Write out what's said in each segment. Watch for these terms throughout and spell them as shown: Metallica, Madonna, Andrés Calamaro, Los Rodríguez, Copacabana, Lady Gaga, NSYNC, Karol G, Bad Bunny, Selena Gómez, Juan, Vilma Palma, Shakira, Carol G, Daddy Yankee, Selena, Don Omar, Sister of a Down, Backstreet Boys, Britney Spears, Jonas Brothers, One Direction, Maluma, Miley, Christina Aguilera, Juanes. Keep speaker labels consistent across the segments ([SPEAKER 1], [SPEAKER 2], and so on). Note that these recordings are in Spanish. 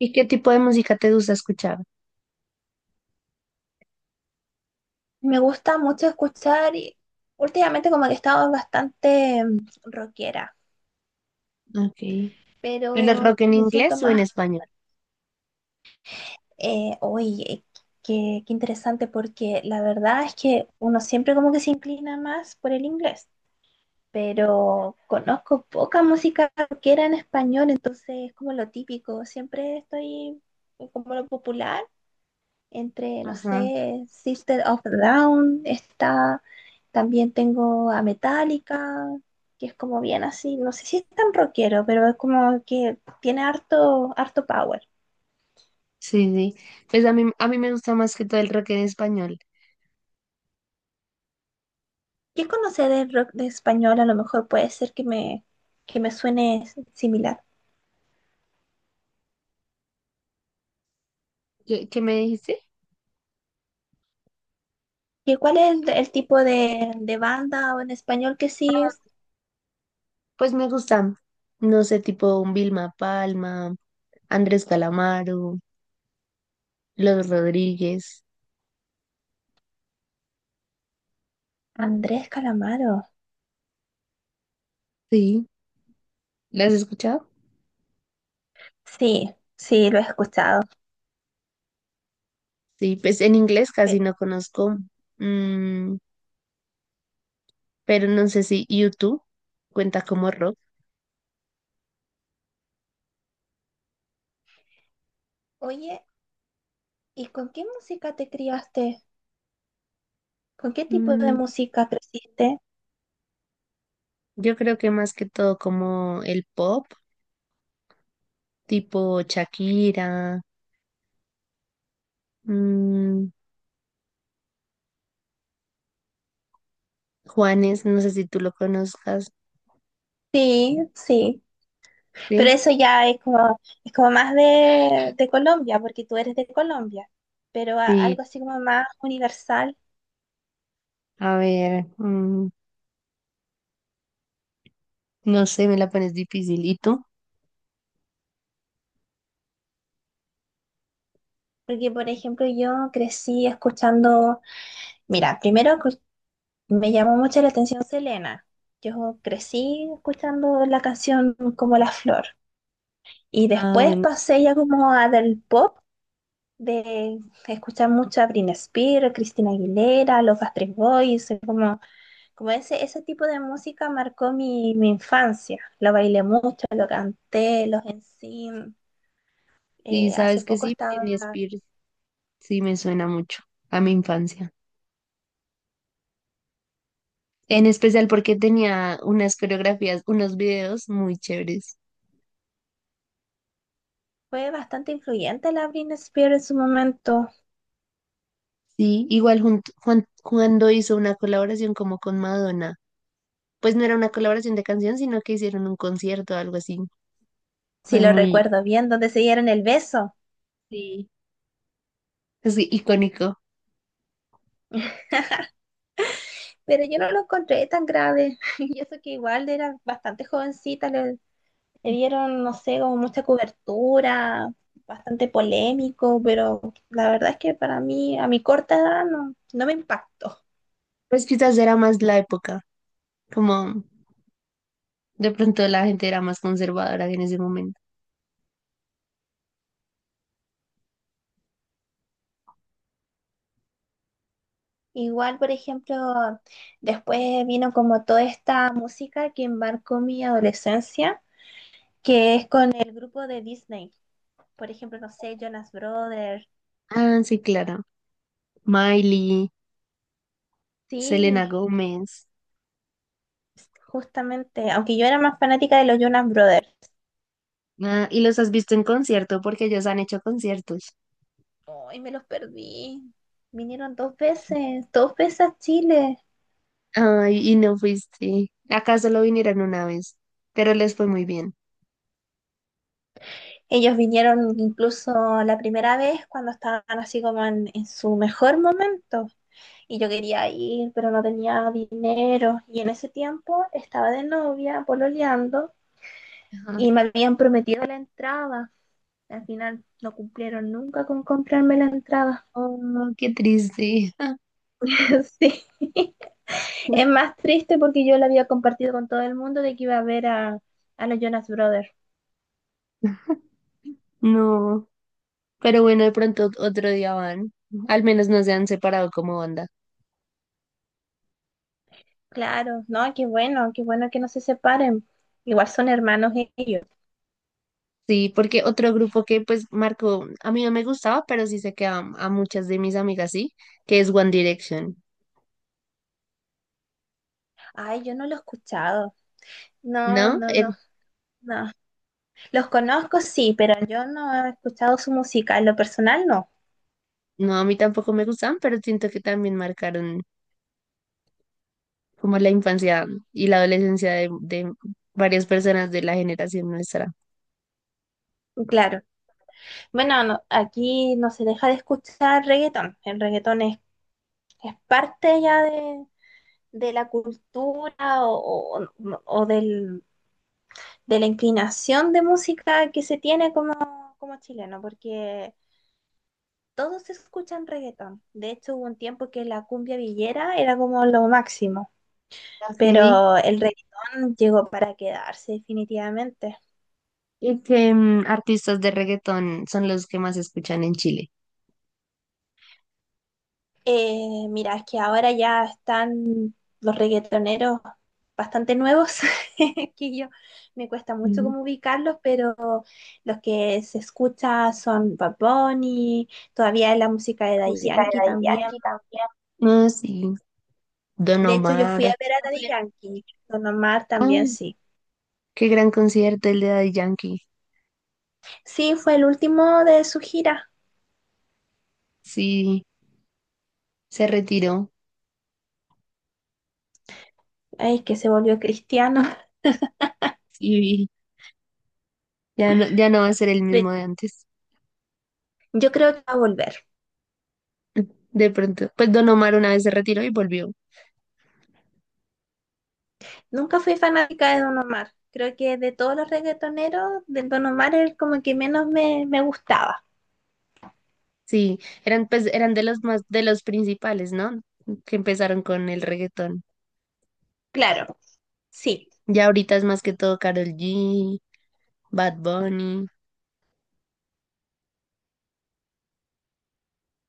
[SPEAKER 1] ¿Y qué tipo de música te gusta escuchar?
[SPEAKER 2] Me gusta mucho escuchar y últimamente como que he estado bastante rockera,
[SPEAKER 1] Okay. ¿El
[SPEAKER 2] pero
[SPEAKER 1] rock en
[SPEAKER 2] me siento
[SPEAKER 1] inglés o en
[SPEAKER 2] más,
[SPEAKER 1] español?
[SPEAKER 2] oye, qué interesante porque la verdad es que uno siempre como que se inclina más por el inglés, pero conozco poca música rockera en español, entonces es como lo típico, siempre estoy como lo popular, entre, no
[SPEAKER 1] Ajá.
[SPEAKER 2] sé, Sister of a Down, está, también tengo a Metallica, que es como bien así, no sé si es tan rockero, pero es como que tiene harto, harto power.
[SPEAKER 1] Sí, sí. Pues a mí me gusta más que todo el rock en español.
[SPEAKER 2] ¿Qué conoce de rock de español? A lo mejor puede ser que que me suene similar.
[SPEAKER 1] ¿Qué me dijiste?
[SPEAKER 2] ¿Y cuál es el tipo de banda o en español que sigues?
[SPEAKER 1] Pues me gustan, no sé, tipo un Vilma Palma, Andrés Calamaro, Los Rodríguez.
[SPEAKER 2] Andrés Calamaro.
[SPEAKER 1] Sí. ¿Las has escuchado?
[SPEAKER 2] Sí, sí, lo he escuchado.
[SPEAKER 1] Sí, pues en inglés casi
[SPEAKER 2] Pero,
[SPEAKER 1] no conozco, mm, pero no sé si YouTube cuenta como rock.
[SPEAKER 2] oye, ¿y con qué música te criaste? ¿Con qué tipo de
[SPEAKER 1] Mm,
[SPEAKER 2] música creciste?
[SPEAKER 1] yo creo que más que todo como el pop tipo Shakira, mm, Juanes, no sé si tú lo conozcas,
[SPEAKER 2] Sí, sí. Pero
[SPEAKER 1] ¿sí?
[SPEAKER 2] eso ya es como más de Colombia, porque tú eres de Colombia. Pero
[SPEAKER 1] Sí,
[SPEAKER 2] algo así como más universal.
[SPEAKER 1] a ver, no sé, me la pones difícil. ¿Y tú?
[SPEAKER 2] Porque, por ejemplo, yo crecí escuchando. Mira, me llamó mucho la atención Selena. Yo crecí escuchando la canción Como la flor. Y
[SPEAKER 1] Ah,
[SPEAKER 2] después
[SPEAKER 1] bueno,
[SPEAKER 2] pasé ya como a del pop, de escuchar mucho a Britney Spears, Christina Aguilera, los Backstreet Boys, como. Como ese tipo de música marcó mi infancia. Lo bailé mucho, lo canté, los NSYNC.
[SPEAKER 1] sí,
[SPEAKER 2] Hace
[SPEAKER 1] sabes que
[SPEAKER 2] poco
[SPEAKER 1] sí,
[SPEAKER 2] estaba,
[SPEAKER 1] Britney Spears, sí me suena mucho a mi infancia. En especial porque tenía unas coreografías, unos videos muy chéveres.
[SPEAKER 2] fue bastante influyente la Britney Spears en su momento,
[SPEAKER 1] Sí, igual Juan, cuando hizo una colaboración como con Madonna. Pues no era una colaboración de canción, sino que hicieron un concierto o algo así.
[SPEAKER 2] si
[SPEAKER 1] Fue
[SPEAKER 2] lo
[SPEAKER 1] muy,
[SPEAKER 2] recuerdo bien, donde se dieron el beso.
[SPEAKER 1] sí, es icónico.
[SPEAKER 2] Pero yo no lo encontré tan grave. Y eso que igual era bastante jovencita, le dieron, no sé, como mucha cobertura, bastante polémico, pero la verdad es que para mí, a mi corta edad, no, no me impactó.
[SPEAKER 1] Pues quizás era más la época, como de pronto la gente era más conservadora en ese momento.
[SPEAKER 2] Igual, por ejemplo, después vino como toda esta música que marcó mi adolescencia, que es con el grupo de Disney. Por ejemplo, no sé, Jonas Brothers.
[SPEAKER 1] Ah, sí, claro. Miley, Selena
[SPEAKER 2] Sí,
[SPEAKER 1] Gómez.
[SPEAKER 2] justamente, aunque yo era más fanática de los Jonas Brothers.
[SPEAKER 1] Ah, ¿y los has visto en concierto? Porque ellos han hecho conciertos.
[SPEAKER 2] Ay, me los perdí. Vinieron dos veces a Chile.
[SPEAKER 1] Ay, y no fuiste. Acá solo vinieron una vez, pero les fue muy bien.
[SPEAKER 2] Ellos vinieron incluso la primera vez cuando estaban así como en su mejor momento. Y yo quería ir, pero no tenía dinero. Y en ese tiempo estaba de novia, pololeando,
[SPEAKER 1] Ajá.
[SPEAKER 2] y me habían prometido la entrada. Al final no cumplieron nunca con comprarme la entrada.
[SPEAKER 1] Oh, qué triste.
[SPEAKER 2] Sí. Es más triste porque yo la había compartido con todo el mundo de que iba a ver a los Jonas Brothers.
[SPEAKER 1] No. Pero bueno, de pronto otro día van. Al menos no se han separado como banda.
[SPEAKER 2] Claro, no, qué bueno que no se separen. Igual son hermanos ellos.
[SPEAKER 1] Sí, porque otro grupo que pues marcó, a mí no me gustaba, pero sí sé que a muchas de mis amigas sí, que es One Direction.
[SPEAKER 2] Ay, yo no lo he escuchado. No,
[SPEAKER 1] ¿No?
[SPEAKER 2] no, no, no. Los conozco, sí, pero yo no he escuchado su música, en lo personal no,
[SPEAKER 1] No, a mí tampoco me gustaban, pero siento que también marcaron como la infancia y la adolescencia de varias personas de la generación nuestra.
[SPEAKER 2] claro. Bueno, aquí no se deja de escuchar reggaetón, el reggaetón es parte ya de la cultura o de la inclinación de música que se tiene como, como chileno, porque todos escuchan reggaetón. De hecho, hubo un tiempo que la cumbia villera era como lo máximo,
[SPEAKER 1] Ok.
[SPEAKER 2] pero el reggaetón llegó para quedarse definitivamente.
[SPEAKER 1] ¿Y qué artistas de reggaetón son los que más escuchan en Chile?
[SPEAKER 2] Mira, es que ahora ya están los reggaetoneros bastante nuevos, que yo me cuesta mucho
[SPEAKER 1] Ujú.
[SPEAKER 2] como ubicarlos, pero los que se escucha son Bad Bunny, todavía es la música de Daddy
[SPEAKER 1] Música de
[SPEAKER 2] Yankee
[SPEAKER 1] Daddy
[SPEAKER 2] también.
[SPEAKER 1] Yankee también. Ah, sí. Don
[SPEAKER 2] De hecho, yo fui
[SPEAKER 1] Omar.
[SPEAKER 2] a ver a Daddy Yankee, Don Omar también
[SPEAKER 1] Ah,
[SPEAKER 2] sí.
[SPEAKER 1] qué gran concierto el de Daddy Yankee.
[SPEAKER 2] Sí, fue el último de su gira,
[SPEAKER 1] Sí, se retiró
[SPEAKER 2] ay, que se volvió cristiano.
[SPEAKER 1] y ya no, ya no va a ser el
[SPEAKER 2] Pero
[SPEAKER 1] mismo de antes.
[SPEAKER 2] yo creo que va a volver.
[SPEAKER 1] De pronto, pues Don Omar una vez se retiró y volvió.
[SPEAKER 2] Nunca fui fanática de Don Omar. Creo que de todos los reggaetoneros, del Don Omar es como que menos me gustaba.
[SPEAKER 1] Sí, eran pues eran de los más, de los principales, ¿no? Que empezaron con el reggaetón.
[SPEAKER 2] Claro, sí.
[SPEAKER 1] Ya ahorita es más que todo Karol G, Bad Bunny.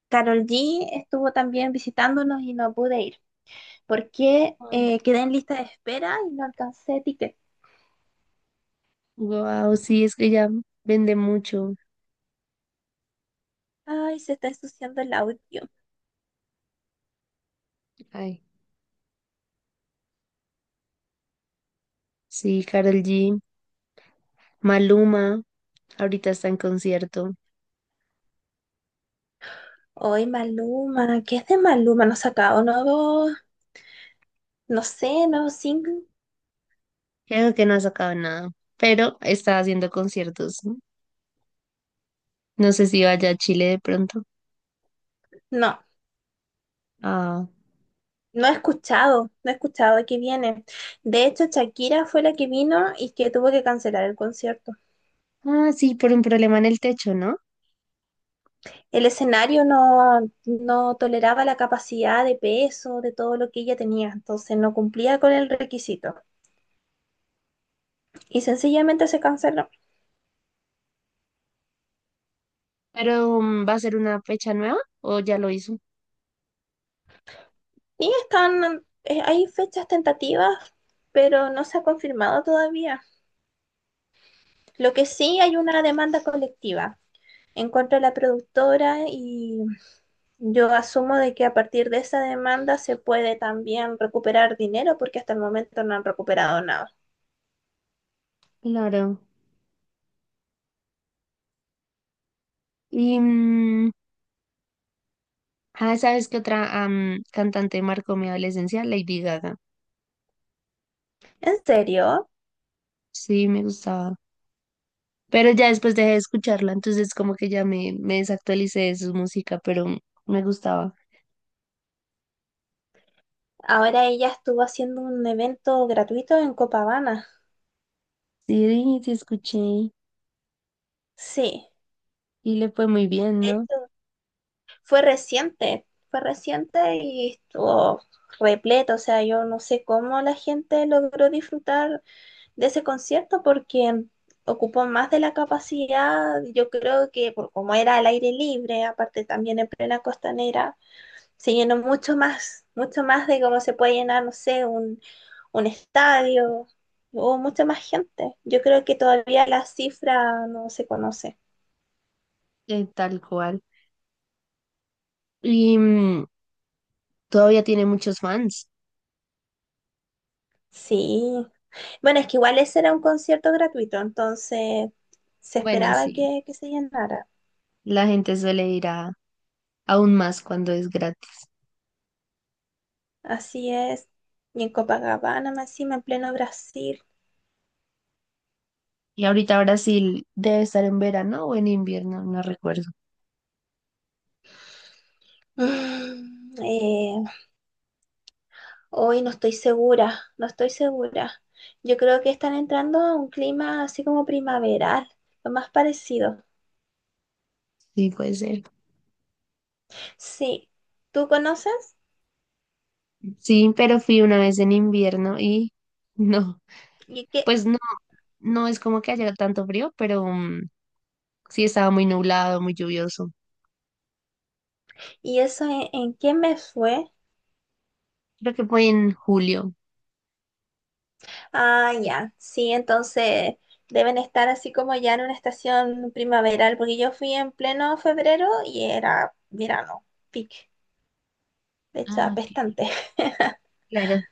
[SPEAKER 2] Carol G estuvo también visitándonos y no pude ir porque quedé en lista de espera y no alcancé ticket.
[SPEAKER 1] Wow, sí, es que ya vende mucho.
[SPEAKER 2] Ay, se está ensuciando el audio.
[SPEAKER 1] Ay, sí, Karol G, Maluma, ahorita está en concierto.
[SPEAKER 2] Hoy Maluma, ¿qué es de Maluma? No ha sacado nuevo, no sé, nuevo single.
[SPEAKER 1] Creo que no ha sacado nada, pero está haciendo conciertos. No, no sé si vaya a Chile de pronto.
[SPEAKER 2] No,
[SPEAKER 1] Ah,
[SPEAKER 2] no he escuchado, no he escuchado de qué viene. De hecho, Shakira fue la que vino y que tuvo que cancelar el concierto.
[SPEAKER 1] ah, sí, por un problema en el techo, ¿no?
[SPEAKER 2] El escenario no, no toleraba la capacidad de peso de todo lo que ella tenía, entonces no cumplía con el requisito y sencillamente se canceló.
[SPEAKER 1] Pero ¿va a ser una fecha nueva o ya lo hizo?
[SPEAKER 2] Y están, hay fechas tentativas, pero no se ha confirmado todavía. Lo que sí hay una demanda colectiva en contra de la productora y yo asumo de que a partir de esa demanda se puede también recuperar dinero porque hasta el momento no han recuperado nada.
[SPEAKER 1] Claro. Y, ¿sabes qué otra cantante marcó mi adolescencia? Lady Gaga.
[SPEAKER 2] ¿En serio?
[SPEAKER 1] Sí, me gustaba. Pero ya después dejé de escucharla, entonces como que ya me desactualicé de su música, pero me gustaba.
[SPEAKER 2] Ahora ella estuvo haciendo un evento gratuito en Copacabana.
[SPEAKER 1] Sí, sí, sí, escuché y
[SPEAKER 2] Sí,
[SPEAKER 1] le fue muy bien,
[SPEAKER 2] de
[SPEAKER 1] ¿no?
[SPEAKER 2] hecho, fue reciente y estuvo repleto. O sea, yo no sé cómo la gente logró disfrutar de ese concierto porque ocupó más de la capacidad. Yo creo que por como era al aire libre, aparte también en plena costanera, se llenó mucho más de cómo se puede llenar, no sé, un estadio, hubo mucha más gente. Yo creo que todavía la cifra no se conoce.
[SPEAKER 1] Tal cual. Y todavía tiene muchos fans.
[SPEAKER 2] Sí. Bueno, es que igual ese era un concierto gratuito, entonces se
[SPEAKER 1] Bueno,
[SPEAKER 2] esperaba
[SPEAKER 1] sí,
[SPEAKER 2] que se llenara.
[SPEAKER 1] la gente suele ir a aún más cuando es gratis.
[SPEAKER 2] Así es. Y en Copacabana, más encima, en pleno Brasil.
[SPEAKER 1] Y ahorita Brasil debe estar en verano o en invierno, no recuerdo.
[SPEAKER 2] Mm, eh, Hoy no estoy segura, no estoy segura. Yo creo que están entrando a un clima así como primaveral, lo más parecido.
[SPEAKER 1] Sí, puede ser.
[SPEAKER 2] Sí, ¿tú conoces?
[SPEAKER 1] Sí, pero fui una vez en invierno y no,
[SPEAKER 2] ¿Y qué,
[SPEAKER 1] pues no, no es como que haya tanto frío, pero sí estaba muy nublado, muy lluvioso.
[SPEAKER 2] ¿Y eso en qué me fue?
[SPEAKER 1] Creo que fue en julio.
[SPEAKER 2] Ah, ya, sí, entonces deben estar así como ya en una estación primaveral, porque yo fui en pleno febrero y era verano, pic, de hecho
[SPEAKER 1] Ah, ok.
[SPEAKER 2] apestante.
[SPEAKER 1] Claro,